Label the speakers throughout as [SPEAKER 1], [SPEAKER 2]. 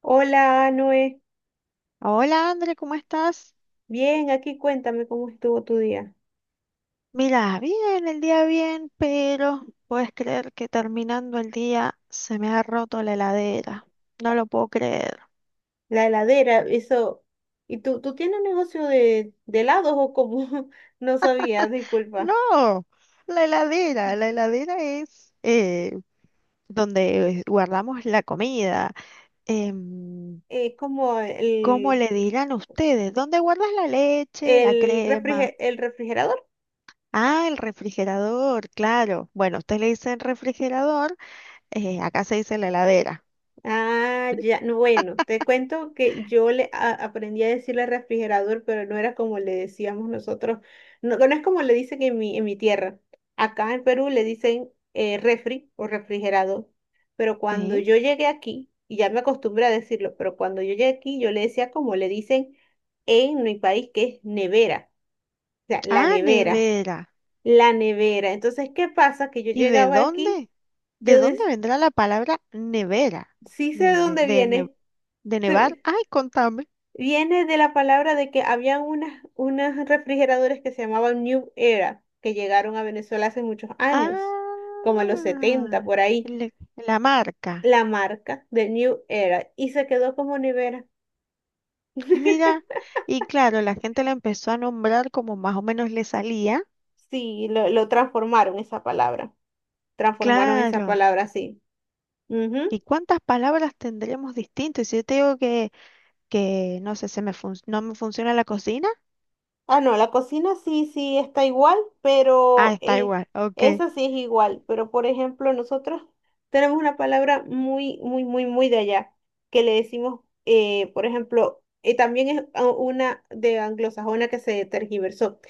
[SPEAKER 1] Hola, Noé.
[SPEAKER 2] Hola André, ¿cómo estás?
[SPEAKER 1] Bien, aquí cuéntame cómo estuvo tu día.
[SPEAKER 2] Mira, bien, el día bien, pero puedes creer que terminando el día se me ha roto la heladera. No lo puedo creer.
[SPEAKER 1] La heladera, eso. ¿Y tú tienes un negocio de helados o cómo? No sabía, disculpa.
[SPEAKER 2] No, la heladera es donde guardamos la comida. Em,
[SPEAKER 1] Es como
[SPEAKER 2] ¿Cómo
[SPEAKER 1] el,
[SPEAKER 2] le dirán ustedes? ¿Dónde guardas la leche, la
[SPEAKER 1] el,
[SPEAKER 2] crema?
[SPEAKER 1] refrige- el refrigerador.
[SPEAKER 2] Ah, el refrigerador, claro. Bueno, ustedes le dicen refrigerador, acá se dice la heladera.
[SPEAKER 1] Ah, ya, no, bueno, te cuento que yo le aprendí a decirle refrigerador, pero no era como le decíamos nosotros, no, no es como le dicen en mi tierra. Acá en Perú le dicen refri o refrigerador, pero cuando
[SPEAKER 2] ¿Sí?
[SPEAKER 1] yo llegué aquí, y ya me acostumbré a decirlo, pero cuando yo llegué aquí yo le decía como le dicen en mi país, que es nevera, o sea, la
[SPEAKER 2] Ah,
[SPEAKER 1] nevera,
[SPEAKER 2] nevera.
[SPEAKER 1] la nevera. Entonces, ¿qué pasa? Que yo
[SPEAKER 2] ¿Y de
[SPEAKER 1] llegaba aquí,
[SPEAKER 2] dónde? ¿De
[SPEAKER 1] yo
[SPEAKER 2] dónde
[SPEAKER 1] des-
[SPEAKER 2] vendrá la palabra nevera?
[SPEAKER 1] sí sé de
[SPEAKER 2] De, de,
[SPEAKER 1] dónde
[SPEAKER 2] de, ne-
[SPEAKER 1] viene.
[SPEAKER 2] de nevar. Ay, contame.
[SPEAKER 1] Viene de la palabra de que habían unas refrigeradores que se llamaban New Era, que llegaron a Venezuela hace muchos años, como a los
[SPEAKER 2] Ah,
[SPEAKER 1] 70 por ahí,
[SPEAKER 2] la marca.
[SPEAKER 1] la marca de New Era, y se quedó como nevera.
[SPEAKER 2] Mira, y claro, la gente la empezó a nombrar como más o menos le salía.
[SPEAKER 1] Sí, lo transformaron esa
[SPEAKER 2] Claro.
[SPEAKER 1] palabra así.
[SPEAKER 2] ¿Y cuántas palabras tendremos distintas? Si yo te digo que no sé, no me funciona la cocina.
[SPEAKER 1] Ah, no, la cocina sí, sí está igual,
[SPEAKER 2] Ah,
[SPEAKER 1] pero
[SPEAKER 2] está igual, ok.
[SPEAKER 1] esa sí es igual. Pero por ejemplo, nosotros tenemos una palabra muy, muy, muy, muy de allá, que le decimos, por ejemplo, también es una de anglosajona que se tergiversó.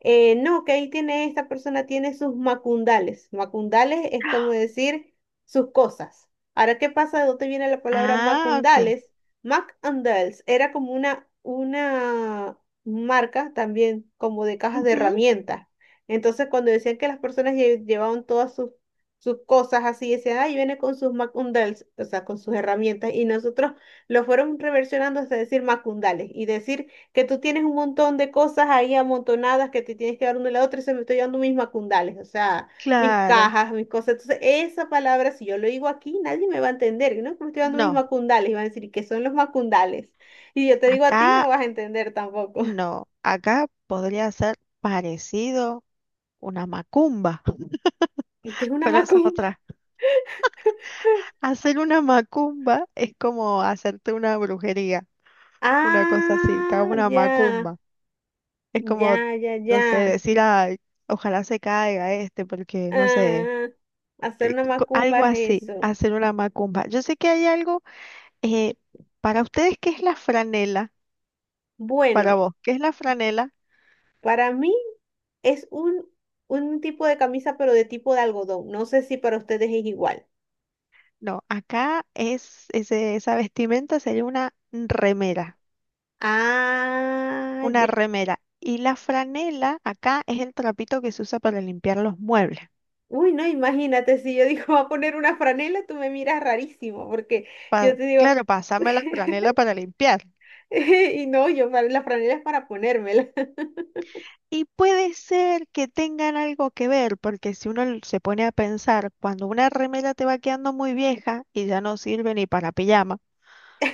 [SPEAKER 1] No, que ahí tiene, esta persona tiene sus macundales. Macundales es como decir sus cosas. Ahora, ¿qué pasa? ¿De dónde viene la palabra
[SPEAKER 2] Ah, ok.
[SPEAKER 1] macundales? Mac and Dales, era como una marcas también como de cajas de
[SPEAKER 2] Ujú,
[SPEAKER 1] herramientas. Entonces, cuando decían que las personas llevaban todas sus cosas así, decían, ay, viene con sus macundales, o sea, con sus herramientas, y nosotros lo fueron reversionando hasta decir macundales y decir que tú tienes un montón de cosas ahí amontonadas que te tienes que dar una a la otra y se me estoy llevando mis macundales, o sea, mis
[SPEAKER 2] claro.
[SPEAKER 1] cajas, mis cosas. Entonces, esa palabra, si yo lo digo aquí, nadie me va a entender, ¿no? Que me estoy dando mis
[SPEAKER 2] No,
[SPEAKER 1] macundales y van a decir, ¿qué son los macundales? Y yo te digo a ti, no
[SPEAKER 2] acá.
[SPEAKER 1] vas a entender tampoco.
[SPEAKER 2] No, acá podría ser parecido una macumba,
[SPEAKER 1] ¿Y qué es una
[SPEAKER 2] pero esa es
[SPEAKER 1] macumba?
[SPEAKER 2] otra. Hacer una macumba es como hacerte una brujería, una cosa así, te hago
[SPEAKER 1] Ah,
[SPEAKER 2] una
[SPEAKER 1] ya,
[SPEAKER 2] macumba. Es como,
[SPEAKER 1] ya, ya, ya.
[SPEAKER 2] no sé, decir, ay, ojalá se caiga este, porque no sé,
[SPEAKER 1] Ah, hacer una macumba
[SPEAKER 2] algo
[SPEAKER 1] es
[SPEAKER 2] así,
[SPEAKER 1] eso.
[SPEAKER 2] hacer una macumba. Yo sé que hay algo, eh, para ustedes, ¿qué es la franela?
[SPEAKER 1] Bueno,
[SPEAKER 2] Para vos, ¿qué es la franela?
[SPEAKER 1] para mí es un tipo de camisa, pero de tipo de algodón. No sé si para ustedes es igual.
[SPEAKER 2] No, acá es, ese, esa vestimenta sería una remera.
[SPEAKER 1] Ah,
[SPEAKER 2] Una
[SPEAKER 1] ya.
[SPEAKER 2] remera. Y la franela acá es el trapito que se usa para limpiar los muebles.
[SPEAKER 1] Uy, no, imagínate, si yo digo, va a poner una franela, tú me miras rarísimo, porque yo te digo,
[SPEAKER 2] Claro, pasame la franela para limpiar.
[SPEAKER 1] y no, yo la franela es para ponérmela.
[SPEAKER 2] Y puede ser que tengan algo que ver, porque si uno se pone a pensar, cuando una remera te va quedando muy vieja y ya no sirve ni para pijama,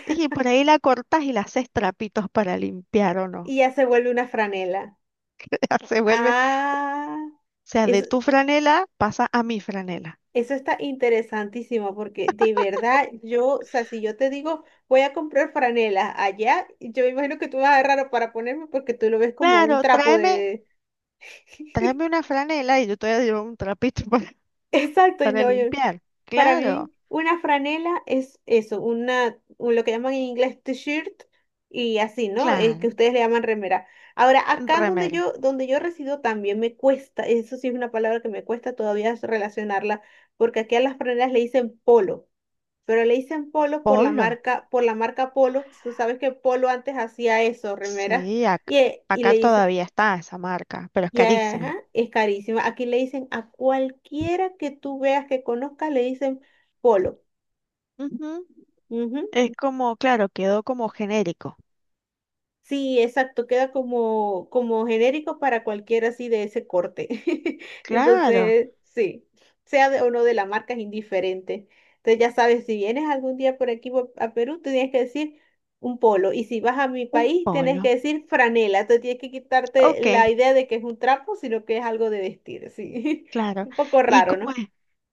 [SPEAKER 2] y por ahí la cortas y la haces trapitos para limpiar o no.
[SPEAKER 1] Y ya se vuelve una franela.
[SPEAKER 2] Ya se vuelve, o
[SPEAKER 1] Ah.
[SPEAKER 2] sea, de
[SPEAKER 1] Eso,
[SPEAKER 2] tu franela pasa a mi franela.
[SPEAKER 1] eso está interesantísimo porque de verdad yo, o sea, si yo te digo voy a comprar franelas allá, yo me imagino que tú vas a agarrar para ponerme porque tú lo ves como un
[SPEAKER 2] Claro,
[SPEAKER 1] trapo
[SPEAKER 2] tráeme,
[SPEAKER 1] de...
[SPEAKER 2] tráeme una franela y yo te voy a llevar un trapito para
[SPEAKER 1] Exacto, y
[SPEAKER 2] Para
[SPEAKER 1] no,
[SPEAKER 2] limpiar,
[SPEAKER 1] para
[SPEAKER 2] claro,
[SPEAKER 1] mí una franela es eso, lo que llaman en inglés t-shirt y así, ¿no? Es que
[SPEAKER 2] claro.
[SPEAKER 1] ustedes le llaman remera. Ahora, acá donde
[SPEAKER 2] Remera,
[SPEAKER 1] yo, donde yo resido también me cuesta, eso sí es una palabra que me cuesta todavía relacionarla porque aquí a las franelas le dicen polo, pero le dicen polo
[SPEAKER 2] polo.
[SPEAKER 1] por la marca Polo. Tú sabes que Polo antes hacía eso, remeras,
[SPEAKER 2] Sí,
[SPEAKER 1] y
[SPEAKER 2] acá
[SPEAKER 1] le dicen,
[SPEAKER 2] todavía está esa marca, pero es
[SPEAKER 1] y ajá,
[SPEAKER 2] carísima.
[SPEAKER 1] es carísima. Aquí le dicen a cualquiera que tú veas que conozcas, le dicen polo.
[SPEAKER 2] Ujú.
[SPEAKER 1] Ujú.
[SPEAKER 2] Es como, claro, quedó como genérico.
[SPEAKER 1] Sí, exacto, queda como genérico para cualquiera así de ese corte.
[SPEAKER 2] Claro,
[SPEAKER 1] Entonces, sí, sea de, o no de la marca es indiferente. Entonces ya sabes, si vienes algún día a Perú, tú tienes que decir un polo. Y si vas a mi
[SPEAKER 2] un
[SPEAKER 1] país, tienes
[SPEAKER 2] polo.
[SPEAKER 1] que decir franela. Entonces tienes que quitarte
[SPEAKER 2] Ok,
[SPEAKER 1] la idea de que es un trapo, sino que es algo de vestir, sí.
[SPEAKER 2] claro.
[SPEAKER 1] Un poco
[SPEAKER 2] ¿Y
[SPEAKER 1] raro,
[SPEAKER 2] cómo
[SPEAKER 1] ¿no?
[SPEAKER 2] es?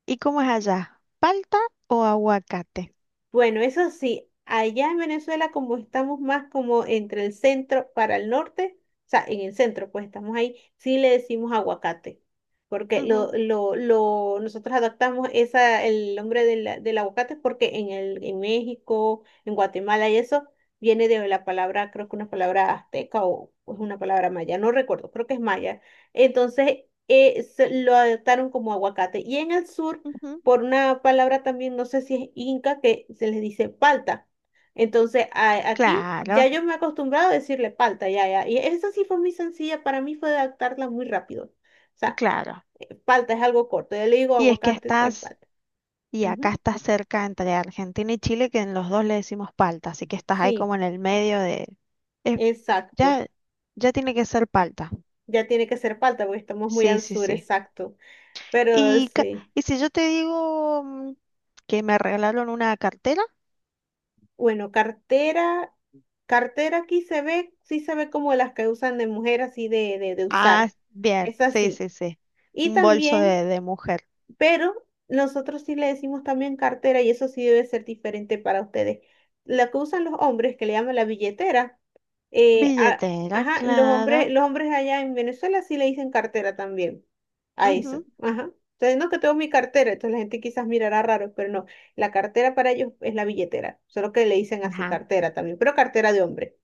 [SPEAKER 2] ¿Y cómo es allá? ¿Palta o aguacate?
[SPEAKER 1] Bueno, eso sí, allá en Venezuela como estamos más como entre el centro para el norte, o sea, en el centro pues estamos ahí, sí le decimos aguacate, porque
[SPEAKER 2] Ujú,
[SPEAKER 1] nosotros adaptamos esa, el nombre del aguacate porque en en México, en Guatemala y eso viene de la palabra, creo que una palabra azteca o es una palabra maya, no recuerdo, creo que es maya. Entonces lo adaptaron como aguacate. Y en el sur
[SPEAKER 2] ujú,
[SPEAKER 1] por una palabra también, no sé si es inca, que se les dice palta. Entonces, aquí ya
[SPEAKER 2] claro,
[SPEAKER 1] yo me he acostumbrado a decirle palta, ya, ya. Y esa sí fue muy sencilla, para mí fue adaptarla muy rápido. O
[SPEAKER 2] y
[SPEAKER 1] sea,
[SPEAKER 2] claro.
[SPEAKER 1] palta es algo corto, yo le digo
[SPEAKER 2] Y es que
[SPEAKER 1] aguacate, tal
[SPEAKER 2] estás,
[SPEAKER 1] palta.
[SPEAKER 2] y acá
[SPEAKER 1] Ujú.
[SPEAKER 2] estás cerca entre Argentina y Chile, que en los dos le decimos palta, así que estás ahí
[SPEAKER 1] Sí,
[SPEAKER 2] como en el medio de... es-
[SPEAKER 1] exacto.
[SPEAKER 2] ya, ya tiene que ser palta.
[SPEAKER 1] Ya tiene que ser palta porque estamos muy
[SPEAKER 2] Sí,
[SPEAKER 1] al
[SPEAKER 2] sí,
[SPEAKER 1] sur,
[SPEAKER 2] sí.
[SPEAKER 1] exacto. Pero
[SPEAKER 2] Y, ca-
[SPEAKER 1] sí.
[SPEAKER 2] y si yo te digo que me regalaron una cartera.
[SPEAKER 1] Bueno, cartera, cartera aquí se ve, sí se ve como las que usan de mujer así de
[SPEAKER 2] Ah,
[SPEAKER 1] usar.
[SPEAKER 2] bien,
[SPEAKER 1] Es
[SPEAKER 2] sí,
[SPEAKER 1] así.
[SPEAKER 2] sí, sí.
[SPEAKER 1] Y
[SPEAKER 2] Un bolso
[SPEAKER 1] también.
[SPEAKER 2] de mujer.
[SPEAKER 1] Pero nosotros sí le decimos también cartera y eso sí debe ser diferente para ustedes. La que usan los hombres, que le llaman la billetera,
[SPEAKER 2] Billetera,
[SPEAKER 1] ajá, los hombres,
[SPEAKER 2] claro.
[SPEAKER 1] los hombres allá en Venezuela sí le dicen cartera también a eso.
[SPEAKER 2] Ujú.
[SPEAKER 1] Ajá. Entonces, no que tengo mi cartera, entonces la gente quizás mirará raro, pero no, la cartera para ellos es la billetera, solo que le dicen así
[SPEAKER 2] Ajá,
[SPEAKER 1] cartera también, pero cartera de hombre.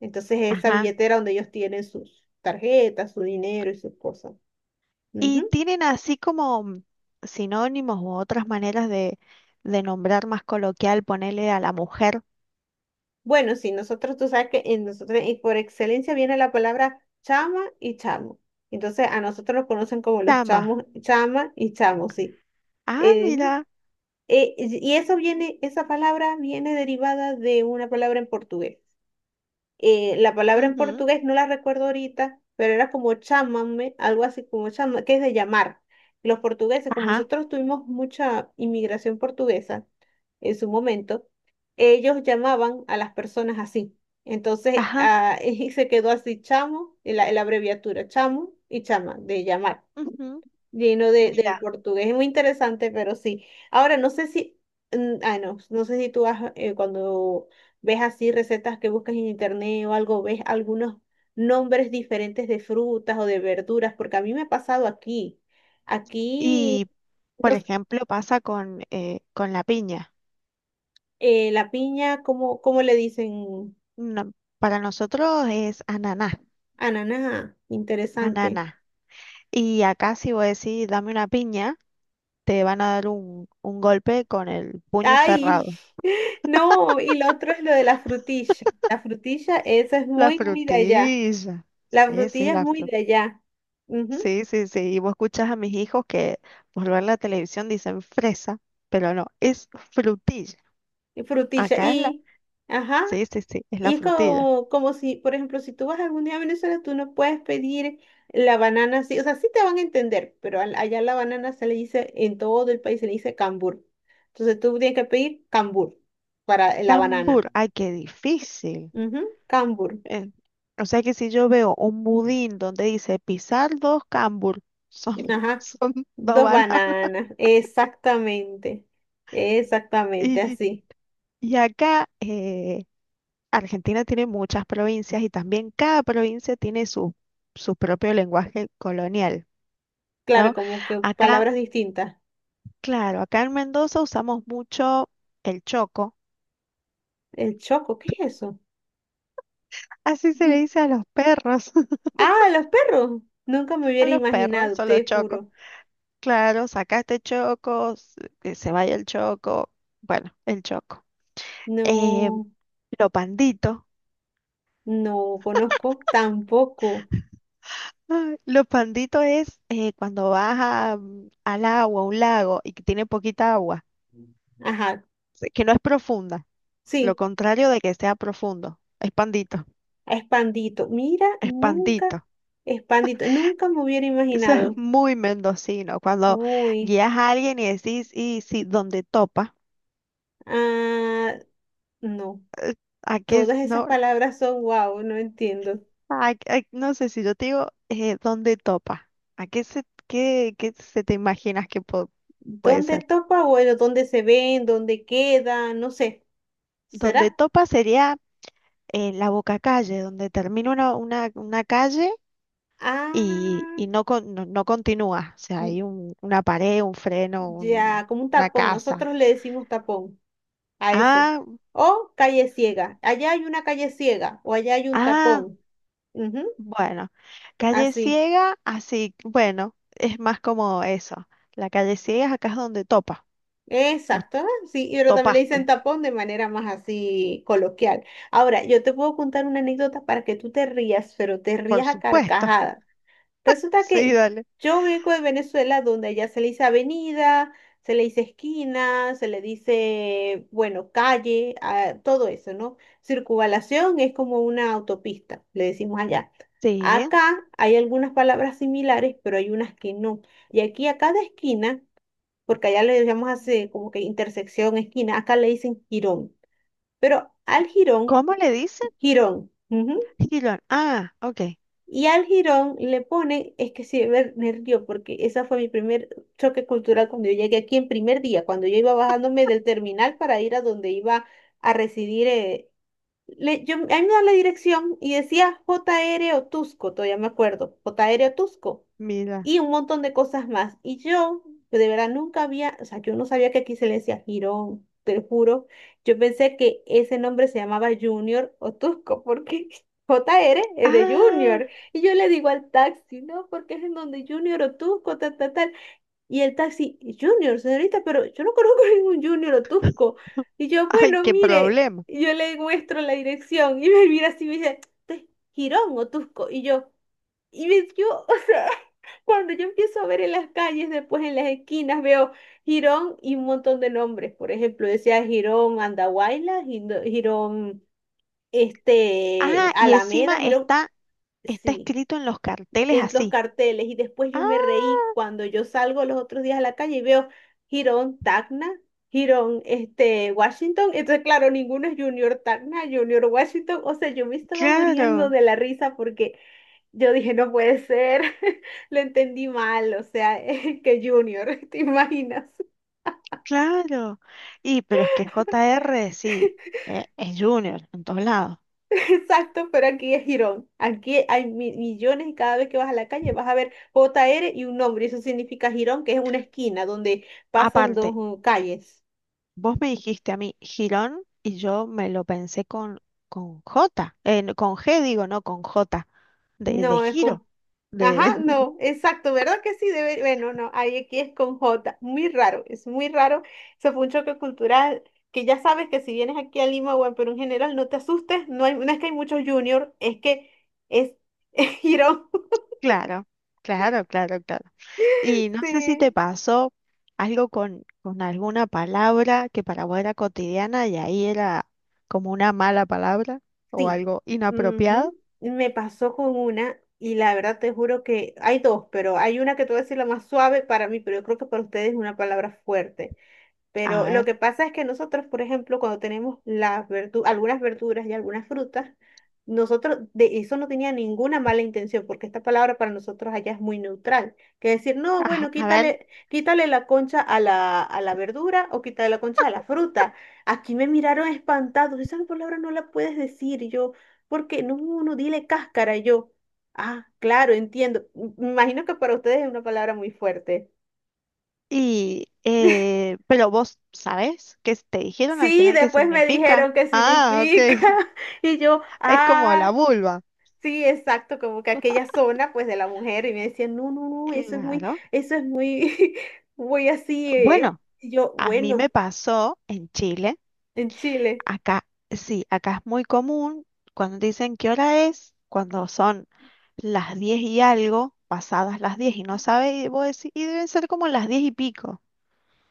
[SPEAKER 1] Entonces, esa
[SPEAKER 2] ajá.
[SPEAKER 1] billetera donde ellos tienen sus tarjetas, su dinero y sus cosas.
[SPEAKER 2] Y
[SPEAKER 1] Ujú.
[SPEAKER 2] tienen así como sinónimos u otras maneras de nombrar más coloquial, ponerle a la mujer.
[SPEAKER 1] Bueno, sí, nosotros, tú sabes que en nosotros, y por excelencia viene la palabra chama y chamo. Entonces, a nosotros nos conocen como los
[SPEAKER 2] Tama.
[SPEAKER 1] chamos, chama y chamo, sí.
[SPEAKER 2] Ah,
[SPEAKER 1] Eh,
[SPEAKER 2] mira.
[SPEAKER 1] y eso viene, esa palabra viene derivada de una palabra en portugués, la palabra en
[SPEAKER 2] Ujú.
[SPEAKER 1] portugués no la recuerdo ahorita, pero era como chámame, algo así como chama, que es de llamar. Los portugueses, como
[SPEAKER 2] Ajá,
[SPEAKER 1] nosotros tuvimos mucha inmigración portuguesa en su momento, ellos llamaban a las personas así. Entonces,
[SPEAKER 2] ajá.
[SPEAKER 1] ah, y se quedó así chamo, y la abreviatura chamo y chama, de llamar
[SPEAKER 2] Ujú.
[SPEAKER 1] lleno de
[SPEAKER 2] Mira.
[SPEAKER 1] portugués. Es muy interesante, pero sí. Ahora, no sé si, ay, no, no sé si tú has, cuando ves así recetas que buscas en internet o algo, ves algunos nombres diferentes de frutas o de verduras, porque a mí me ha pasado aquí.
[SPEAKER 2] Y,
[SPEAKER 1] Aquí, no
[SPEAKER 2] por
[SPEAKER 1] s-
[SPEAKER 2] ejemplo, pasa con la piña.
[SPEAKER 1] la piña, ¿cómo le dicen?
[SPEAKER 2] No, para nosotros es ananá,
[SPEAKER 1] Ananá, interesante.
[SPEAKER 2] ananá. Y acá si vos decís, dame una piña, te van a dar un golpe con el puño
[SPEAKER 1] Ay,
[SPEAKER 2] cerrado.
[SPEAKER 1] no, y lo otro es lo de la frutilla. La frutilla, eso es
[SPEAKER 2] La
[SPEAKER 1] muy, muy de allá.
[SPEAKER 2] frutilla.
[SPEAKER 1] La
[SPEAKER 2] Sí, sí,
[SPEAKER 1] frutilla es
[SPEAKER 2] la
[SPEAKER 1] muy de
[SPEAKER 2] fruta.
[SPEAKER 1] allá. Ujú.
[SPEAKER 2] Sí, sí, sí. Y vos escuchás a mis hijos que por ver la televisión dicen fresa, pero no, es frutilla.
[SPEAKER 1] Y frutilla.
[SPEAKER 2] Acá es la...
[SPEAKER 1] Ajá,
[SPEAKER 2] Sí, sí, sí, es
[SPEAKER 1] y
[SPEAKER 2] la
[SPEAKER 1] es
[SPEAKER 2] frutilla.
[SPEAKER 1] como, si, por ejemplo, si tú vas algún día a Venezuela, tú no puedes pedir la banana así. O sea, sí te van a entender, pero allá la banana se le dice, en todo el país se le dice cambur. Entonces tú tienes que pedir cambur para la banana.
[SPEAKER 2] Cambur, ay, qué difícil.
[SPEAKER 1] Ujú. Cambur.
[SPEAKER 2] Eh, o sea que si yo veo un budín donde dice pisar dos cambur, son
[SPEAKER 1] Ajá.
[SPEAKER 2] son dos
[SPEAKER 1] Dos
[SPEAKER 2] balas.
[SPEAKER 1] bananas. Exactamente. Exactamente
[SPEAKER 2] Y,
[SPEAKER 1] así.
[SPEAKER 2] y acá Argentina tiene muchas provincias y también cada provincia tiene su, su propio lenguaje colonial,
[SPEAKER 1] Claro,
[SPEAKER 2] ¿no?
[SPEAKER 1] como que
[SPEAKER 2] Acá,
[SPEAKER 1] palabras distintas.
[SPEAKER 2] claro, acá en Mendoza usamos mucho el choco.
[SPEAKER 1] El choco, ¿qué es eso?
[SPEAKER 2] Así se le dice a los perros.
[SPEAKER 1] Ah, los perros. Nunca me
[SPEAKER 2] A
[SPEAKER 1] hubiera
[SPEAKER 2] los perros,
[SPEAKER 1] imaginado,
[SPEAKER 2] solo
[SPEAKER 1] te
[SPEAKER 2] choco.
[SPEAKER 1] juro.
[SPEAKER 2] Claro, sacaste Choco, que se vaya el Choco, bueno, el Choco. Eh,
[SPEAKER 1] No,
[SPEAKER 2] lo pandito,
[SPEAKER 1] no conozco tampoco.
[SPEAKER 2] ay, lo pandito es cuando vas a, al agua, a un lago y que tiene poquita agua,
[SPEAKER 1] Ajá,
[SPEAKER 2] que no es profunda, lo
[SPEAKER 1] sí,
[SPEAKER 2] contrario de que sea profundo, es pandito,
[SPEAKER 1] Espandito. Mira,
[SPEAKER 2] es
[SPEAKER 1] nunca,
[SPEAKER 2] pandito.
[SPEAKER 1] Espandito, nunca me hubiera
[SPEAKER 2] Eso es
[SPEAKER 1] imaginado.
[SPEAKER 2] muy mendocino, cuando
[SPEAKER 1] Uy,
[SPEAKER 2] guías a alguien y decís, y si, donde topa,
[SPEAKER 1] ah, no.
[SPEAKER 2] aquí es,
[SPEAKER 1] Todas esas
[SPEAKER 2] no.
[SPEAKER 1] palabras son wow, no entiendo.
[SPEAKER 2] Ah, ay, no sé si yo te digo, ¿dónde topa? ¿A qué se, qué, qué se te imaginas que puede
[SPEAKER 1] ¿Dónde
[SPEAKER 2] ser?
[SPEAKER 1] topa, bueno? ¿Dónde se ven? ¿Dónde queda? No sé. ¿Será?
[SPEAKER 2] Donde topa sería la boca calle, donde termina una calle
[SPEAKER 1] Ah,
[SPEAKER 2] y no, no, no continúa. O sea, hay una pared, un freno,
[SPEAKER 1] ya, como un
[SPEAKER 2] una
[SPEAKER 1] tapón.
[SPEAKER 2] casa.
[SPEAKER 1] Nosotros le decimos tapón a eso.
[SPEAKER 2] Ah,
[SPEAKER 1] O calle ciega. Allá hay una calle ciega o allá hay un
[SPEAKER 2] ah,
[SPEAKER 1] tapón. Ujú.
[SPEAKER 2] bueno. Calle
[SPEAKER 1] Así.
[SPEAKER 2] ciega, así, bueno, es más como eso. La calle ciega acá es donde topa. Vos
[SPEAKER 1] Exacto. Ah, sí, y pero también le dicen
[SPEAKER 2] topaste,
[SPEAKER 1] tapón de manera más así coloquial. Ahora, yo te puedo contar una anécdota para que tú te rías, pero te
[SPEAKER 2] por
[SPEAKER 1] rías a
[SPEAKER 2] supuesto.
[SPEAKER 1] carcajadas. Resulta
[SPEAKER 2] Sí,
[SPEAKER 1] que
[SPEAKER 2] dale.
[SPEAKER 1] yo vengo de Venezuela, donde allá se le dice avenida, se le dice esquina, se le dice, bueno, calle, ah, todo eso, ¿no? Circunvalación es como una autopista, le decimos allá.
[SPEAKER 2] Sí.
[SPEAKER 1] Acá hay algunas palabras similares, pero hay unas que no. Y aquí a cada esquina, porque allá le llamamos así como que intersección, esquina, acá le dicen jirón. Pero al jirón,
[SPEAKER 2] ¿Cómo le dicen?
[SPEAKER 1] jirón. Ujú.
[SPEAKER 2] Gilón. Ah, ok.
[SPEAKER 1] Y al jirón le ponen, es que sí, ver, nervio, porque esa fue mi primer choque cultural cuando yo llegué aquí en primer día, cuando yo iba bajándome del terminal para ir a donde iba a residir. Yo, a mí me da la dirección y decía JR Otusco, todavía me acuerdo, JR Otusco
[SPEAKER 2] Mira.
[SPEAKER 1] y un montón de cosas más. Y yo, de verdad, nunca había, o sea, yo no sabía que aquí se le decía Girón, te lo juro. Yo pensé que ese nombre se llamaba Junior o Tusco, porque JR es de
[SPEAKER 2] Ah,
[SPEAKER 1] Junior. Y yo le digo al taxi, no, porque es en donde Junior o Tusco, tal, tal, tal. Y el taxi, Junior, señorita, pero yo no conozco ningún Junior o Tusco. Y yo,
[SPEAKER 2] ay,
[SPEAKER 1] bueno,
[SPEAKER 2] qué
[SPEAKER 1] mire,
[SPEAKER 2] problema.
[SPEAKER 1] y yo le muestro la dirección y me mira así y me dice, "Este es Girón o Tusco". Y yo, y me, yo, cuando yo empiezo a ver en las calles, después en las esquinas, veo Girón y un montón de nombres. Por ejemplo, decía Girón Andahuaylas, Gindo- Girón este,
[SPEAKER 2] Ah, y encima
[SPEAKER 1] Alameda, Girón,
[SPEAKER 2] está, está
[SPEAKER 1] sí,
[SPEAKER 2] escrito en los carteles
[SPEAKER 1] en los
[SPEAKER 2] así.
[SPEAKER 1] carteles. Y después yo
[SPEAKER 2] Ah,
[SPEAKER 1] me reí cuando yo salgo los otros días a la calle y veo Girón Tacna, Girón este, Washington. Entonces, claro, ninguno es Junior Tacna, Junior Washington. O sea, yo me estaba muriendo
[SPEAKER 2] claro,
[SPEAKER 1] de la risa porque yo dije, no puede ser, lo entendí mal, o sea, ¿que Junior, te imaginas?
[SPEAKER 2] claro. Y pero es que JR sí, es Junior en todos lados.
[SPEAKER 1] Exacto, pero aquí es Girón. Aquí hay mi- millones y cada vez que vas a la calle vas a ver J R y un nombre, y eso significa Girón, que es una esquina donde pasan
[SPEAKER 2] Aparte,
[SPEAKER 1] dos calles.
[SPEAKER 2] vos me dijiste a mí Girón y yo me lo pensé con J, con G digo, no, con J, de
[SPEAKER 1] No, es
[SPEAKER 2] giro,
[SPEAKER 1] con. Ajá,
[SPEAKER 2] de...
[SPEAKER 1] no, exacto, ¿verdad que sí? Debe, bueno, no, ahí aquí es con J, muy raro, es muy raro. Eso fue un choque cultural que ya sabes que si vienes aquí a Lima o en Perú en general, no te asustes, no hay, no es que hay muchos juniors, es que es, es girón.
[SPEAKER 2] Claro, claro, claro, claro. Y no sé si te
[SPEAKER 1] Sí,
[SPEAKER 2] pasó algo con alguna palabra que para vos era cotidiana y ahí era como una mala palabra o
[SPEAKER 1] sí,
[SPEAKER 2] algo inapropiado.
[SPEAKER 1] ujú. Me pasó con una y la verdad te juro que hay dos, pero hay una que te voy a decir la más suave para mí, pero yo creo que para ustedes es una palabra fuerte.
[SPEAKER 2] A
[SPEAKER 1] Pero lo
[SPEAKER 2] ver,
[SPEAKER 1] que pasa es que nosotros, por ejemplo, cuando tenemos las verdu- algunas verduras y algunas frutas, nosotros de eso no tenía ninguna mala intención, porque esta palabra para nosotros allá es muy neutral. Que decir, no,
[SPEAKER 2] ajá,
[SPEAKER 1] bueno,
[SPEAKER 2] a ver.
[SPEAKER 1] quítale, quítale la concha a la verdura o quítale la concha a la fruta. Aquí me miraron espantados, esa palabra no la puedes decir. Y yo, porque no, no, no, dile cáscara. Y yo, ah, claro, entiendo. Me imagino que para ustedes es una palabra muy fuerte.
[SPEAKER 2] Y, pero vos sabés qué te dijeron al
[SPEAKER 1] Sí,
[SPEAKER 2] final qué
[SPEAKER 1] después me
[SPEAKER 2] significa.
[SPEAKER 1] dijeron qué
[SPEAKER 2] Ah, ok.
[SPEAKER 1] significa. Y yo,
[SPEAKER 2] Es como
[SPEAKER 1] ah,
[SPEAKER 2] la vulva.
[SPEAKER 1] sí, exacto, como que aquella zona pues de la mujer y me decían, no, no, no,
[SPEAKER 2] Claro.
[SPEAKER 1] eso es muy, muy así. Eh".
[SPEAKER 2] Bueno,
[SPEAKER 1] Y yo,
[SPEAKER 2] a mí
[SPEAKER 1] bueno,
[SPEAKER 2] me pasó en Chile.
[SPEAKER 1] en Chile.
[SPEAKER 2] Acá, sí, acá es muy común cuando dicen qué hora es, cuando son las 10 y algo, pasadas las 10 y no sabe, y vos decís, y deben ser como las diez y pico,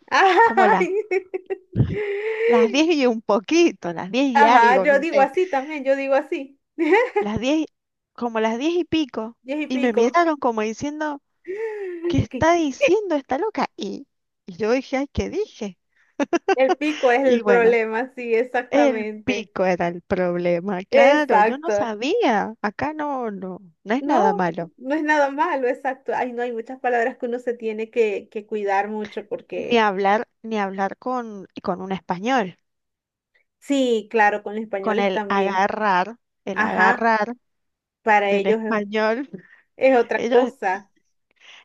[SPEAKER 2] como
[SPEAKER 1] Ay.
[SPEAKER 2] las 10 y un poquito, las 10 y
[SPEAKER 1] Ajá,
[SPEAKER 2] algo, no
[SPEAKER 1] yo digo
[SPEAKER 2] sé,
[SPEAKER 1] así también, yo digo así,
[SPEAKER 2] las 10 como las 10 y pico,
[SPEAKER 1] diez y
[SPEAKER 2] y me
[SPEAKER 1] pico.
[SPEAKER 2] miraron como diciendo, ¿qué
[SPEAKER 1] Que
[SPEAKER 2] está diciendo esta loca? Y yo dije, ay, ¿qué dije?
[SPEAKER 1] el pico es
[SPEAKER 2] Y
[SPEAKER 1] el
[SPEAKER 2] bueno,
[SPEAKER 1] problema, sí,
[SPEAKER 2] el
[SPEAKER 1] exactamente.
[SPEAKER 2] pico era el problema, claro, yo no
[SPEAKER 1] Exacto.
[SPEAKER 2] sabía, acá no, no, no es nada
[SPEAKER 1] No,
[SPEAKER 2] malo.
[SPEAKER 1] no es nada malo, exacto. Ay, no, hay muchas palabras que uno se tiene que cuidar mucho
[SPEAKER 2] Ni
[SPEAKER 1] porque,
[SPEAKER 2] hablar, ni hablar con un español.
[SPEAKER 1] sí, claro, con los
[SPEAKER 2] Con
[SPEAKER 1] españoles también.
[SPEAKER 2] el
[SPEAKER 1] Ajá,
[SPEAKER 2] agarrar
[SPEAKER 1] para
[SPEAKER 2] del
[SPEAKER 1] ellos
[SPEAKER 2] español.
[SPEAKER 1] es otra
[SPEAKER 2] Ellos,
[SPEAKER 1] cosa.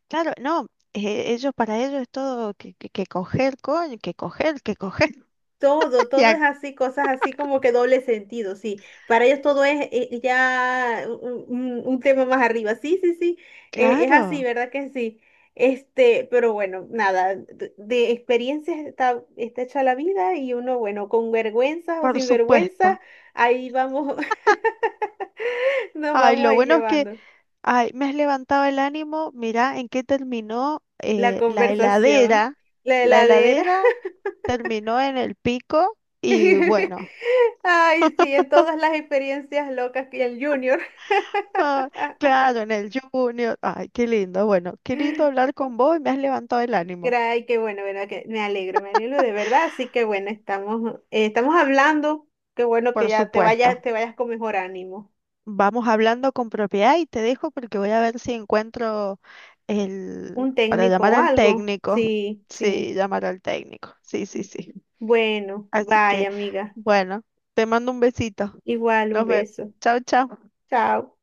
[SPEAKER 2] claro, no, ellos para ellos es todo que coger, coño, que coger, que coger.
[SPEAKER 1] Todo, todo
[SPEAKER 2] Ya,
[SPEAKER 1] es así, cosas así como que doble sentido, sí. Para ellos todo es ya un tema más arriba. Sí, sí, sí, es así,
[SPEAKER 2] claro,
[SPEAKER 1] ¿verdad que sí? Este, pero bueno, nada, de experiencias está, está hecha la vida y uno, bueno, con vergüenza o
[SPEAKER 2] por
[SPEAKER 1] sin vergüenza,
[SPEAKER 2] supuesto.
[SPEAKER 1] ahí vamos, nos
[SPEAKER 2] Ay,
[SPEAKER 1] vamos
[SPEAKER 2] lo
[SPEAKER 1] ahí
[SPEAKER 2] bueno es que,
[SPEAKER 1] llevando
[SPEAKER 2] ay, me has levantado el ánimo, mirá en qué terminó
[SPEAKER 1] la
[SPEAKER 2] la
[SPEAKER 1] conversación,
[SPEAKER 2] heladera.
[SPEAKER 1] la
[SPEAKER 2] La
[SPEAKER 1] heladera.
[SPEAKER 2] heladera terminó en el pico y bueno.
[SPEAKER 1] Ay, sí, en todas las experiencias locas que el Junior.
[SPEAKER 2] Ah, claro, en el Junior. Ay, qué lindo. Bueno, qué lindo hablar con vos y me has levantado el ánimo.
[SPEAKER 1] Ay, qué bueno, bueno, que me alegro de verdad. Así que bueno, estamos, estamos hablando. Qué bueno que
[SPEAKER 2] Por
[SPEAKER 1] ya
[SPEAKER 2] supuesto.
[SPEAKER 1] te vayas con mejor ánimo.
[SPEAKER 2] Vamos hablando con propiedad y te dejo porque voy a ver si encuentro
[SPEAKER 1] Un
[SPEAKER 2] el... para
[SPEAKER 1] técnico
[SPEAKER 2] llamar
[SPEAKER 1] o
[SPEAKER 2] al
[SPEAKER 1] algo.
[SPEAKER 2] técnico.
[SPEAKER 1] Sí, sí.
[SPEAKER 2] Sí, llamar al técnico. Sí, sí, sí.
[SPEAKER 1] Bueno,
[SPEAKER 2] Así que,
[SPEAKER 1] vaya, amiga.
[SPEAKER 2] bueno, te mando un besito.
[SPEAKER 1] Igual, un
[SPEAKER 2] Nos vemos.
[SPEAKER 1] beso.
[SPEAKER 2] Chao, chao.
[SPEAKER 1] Chao.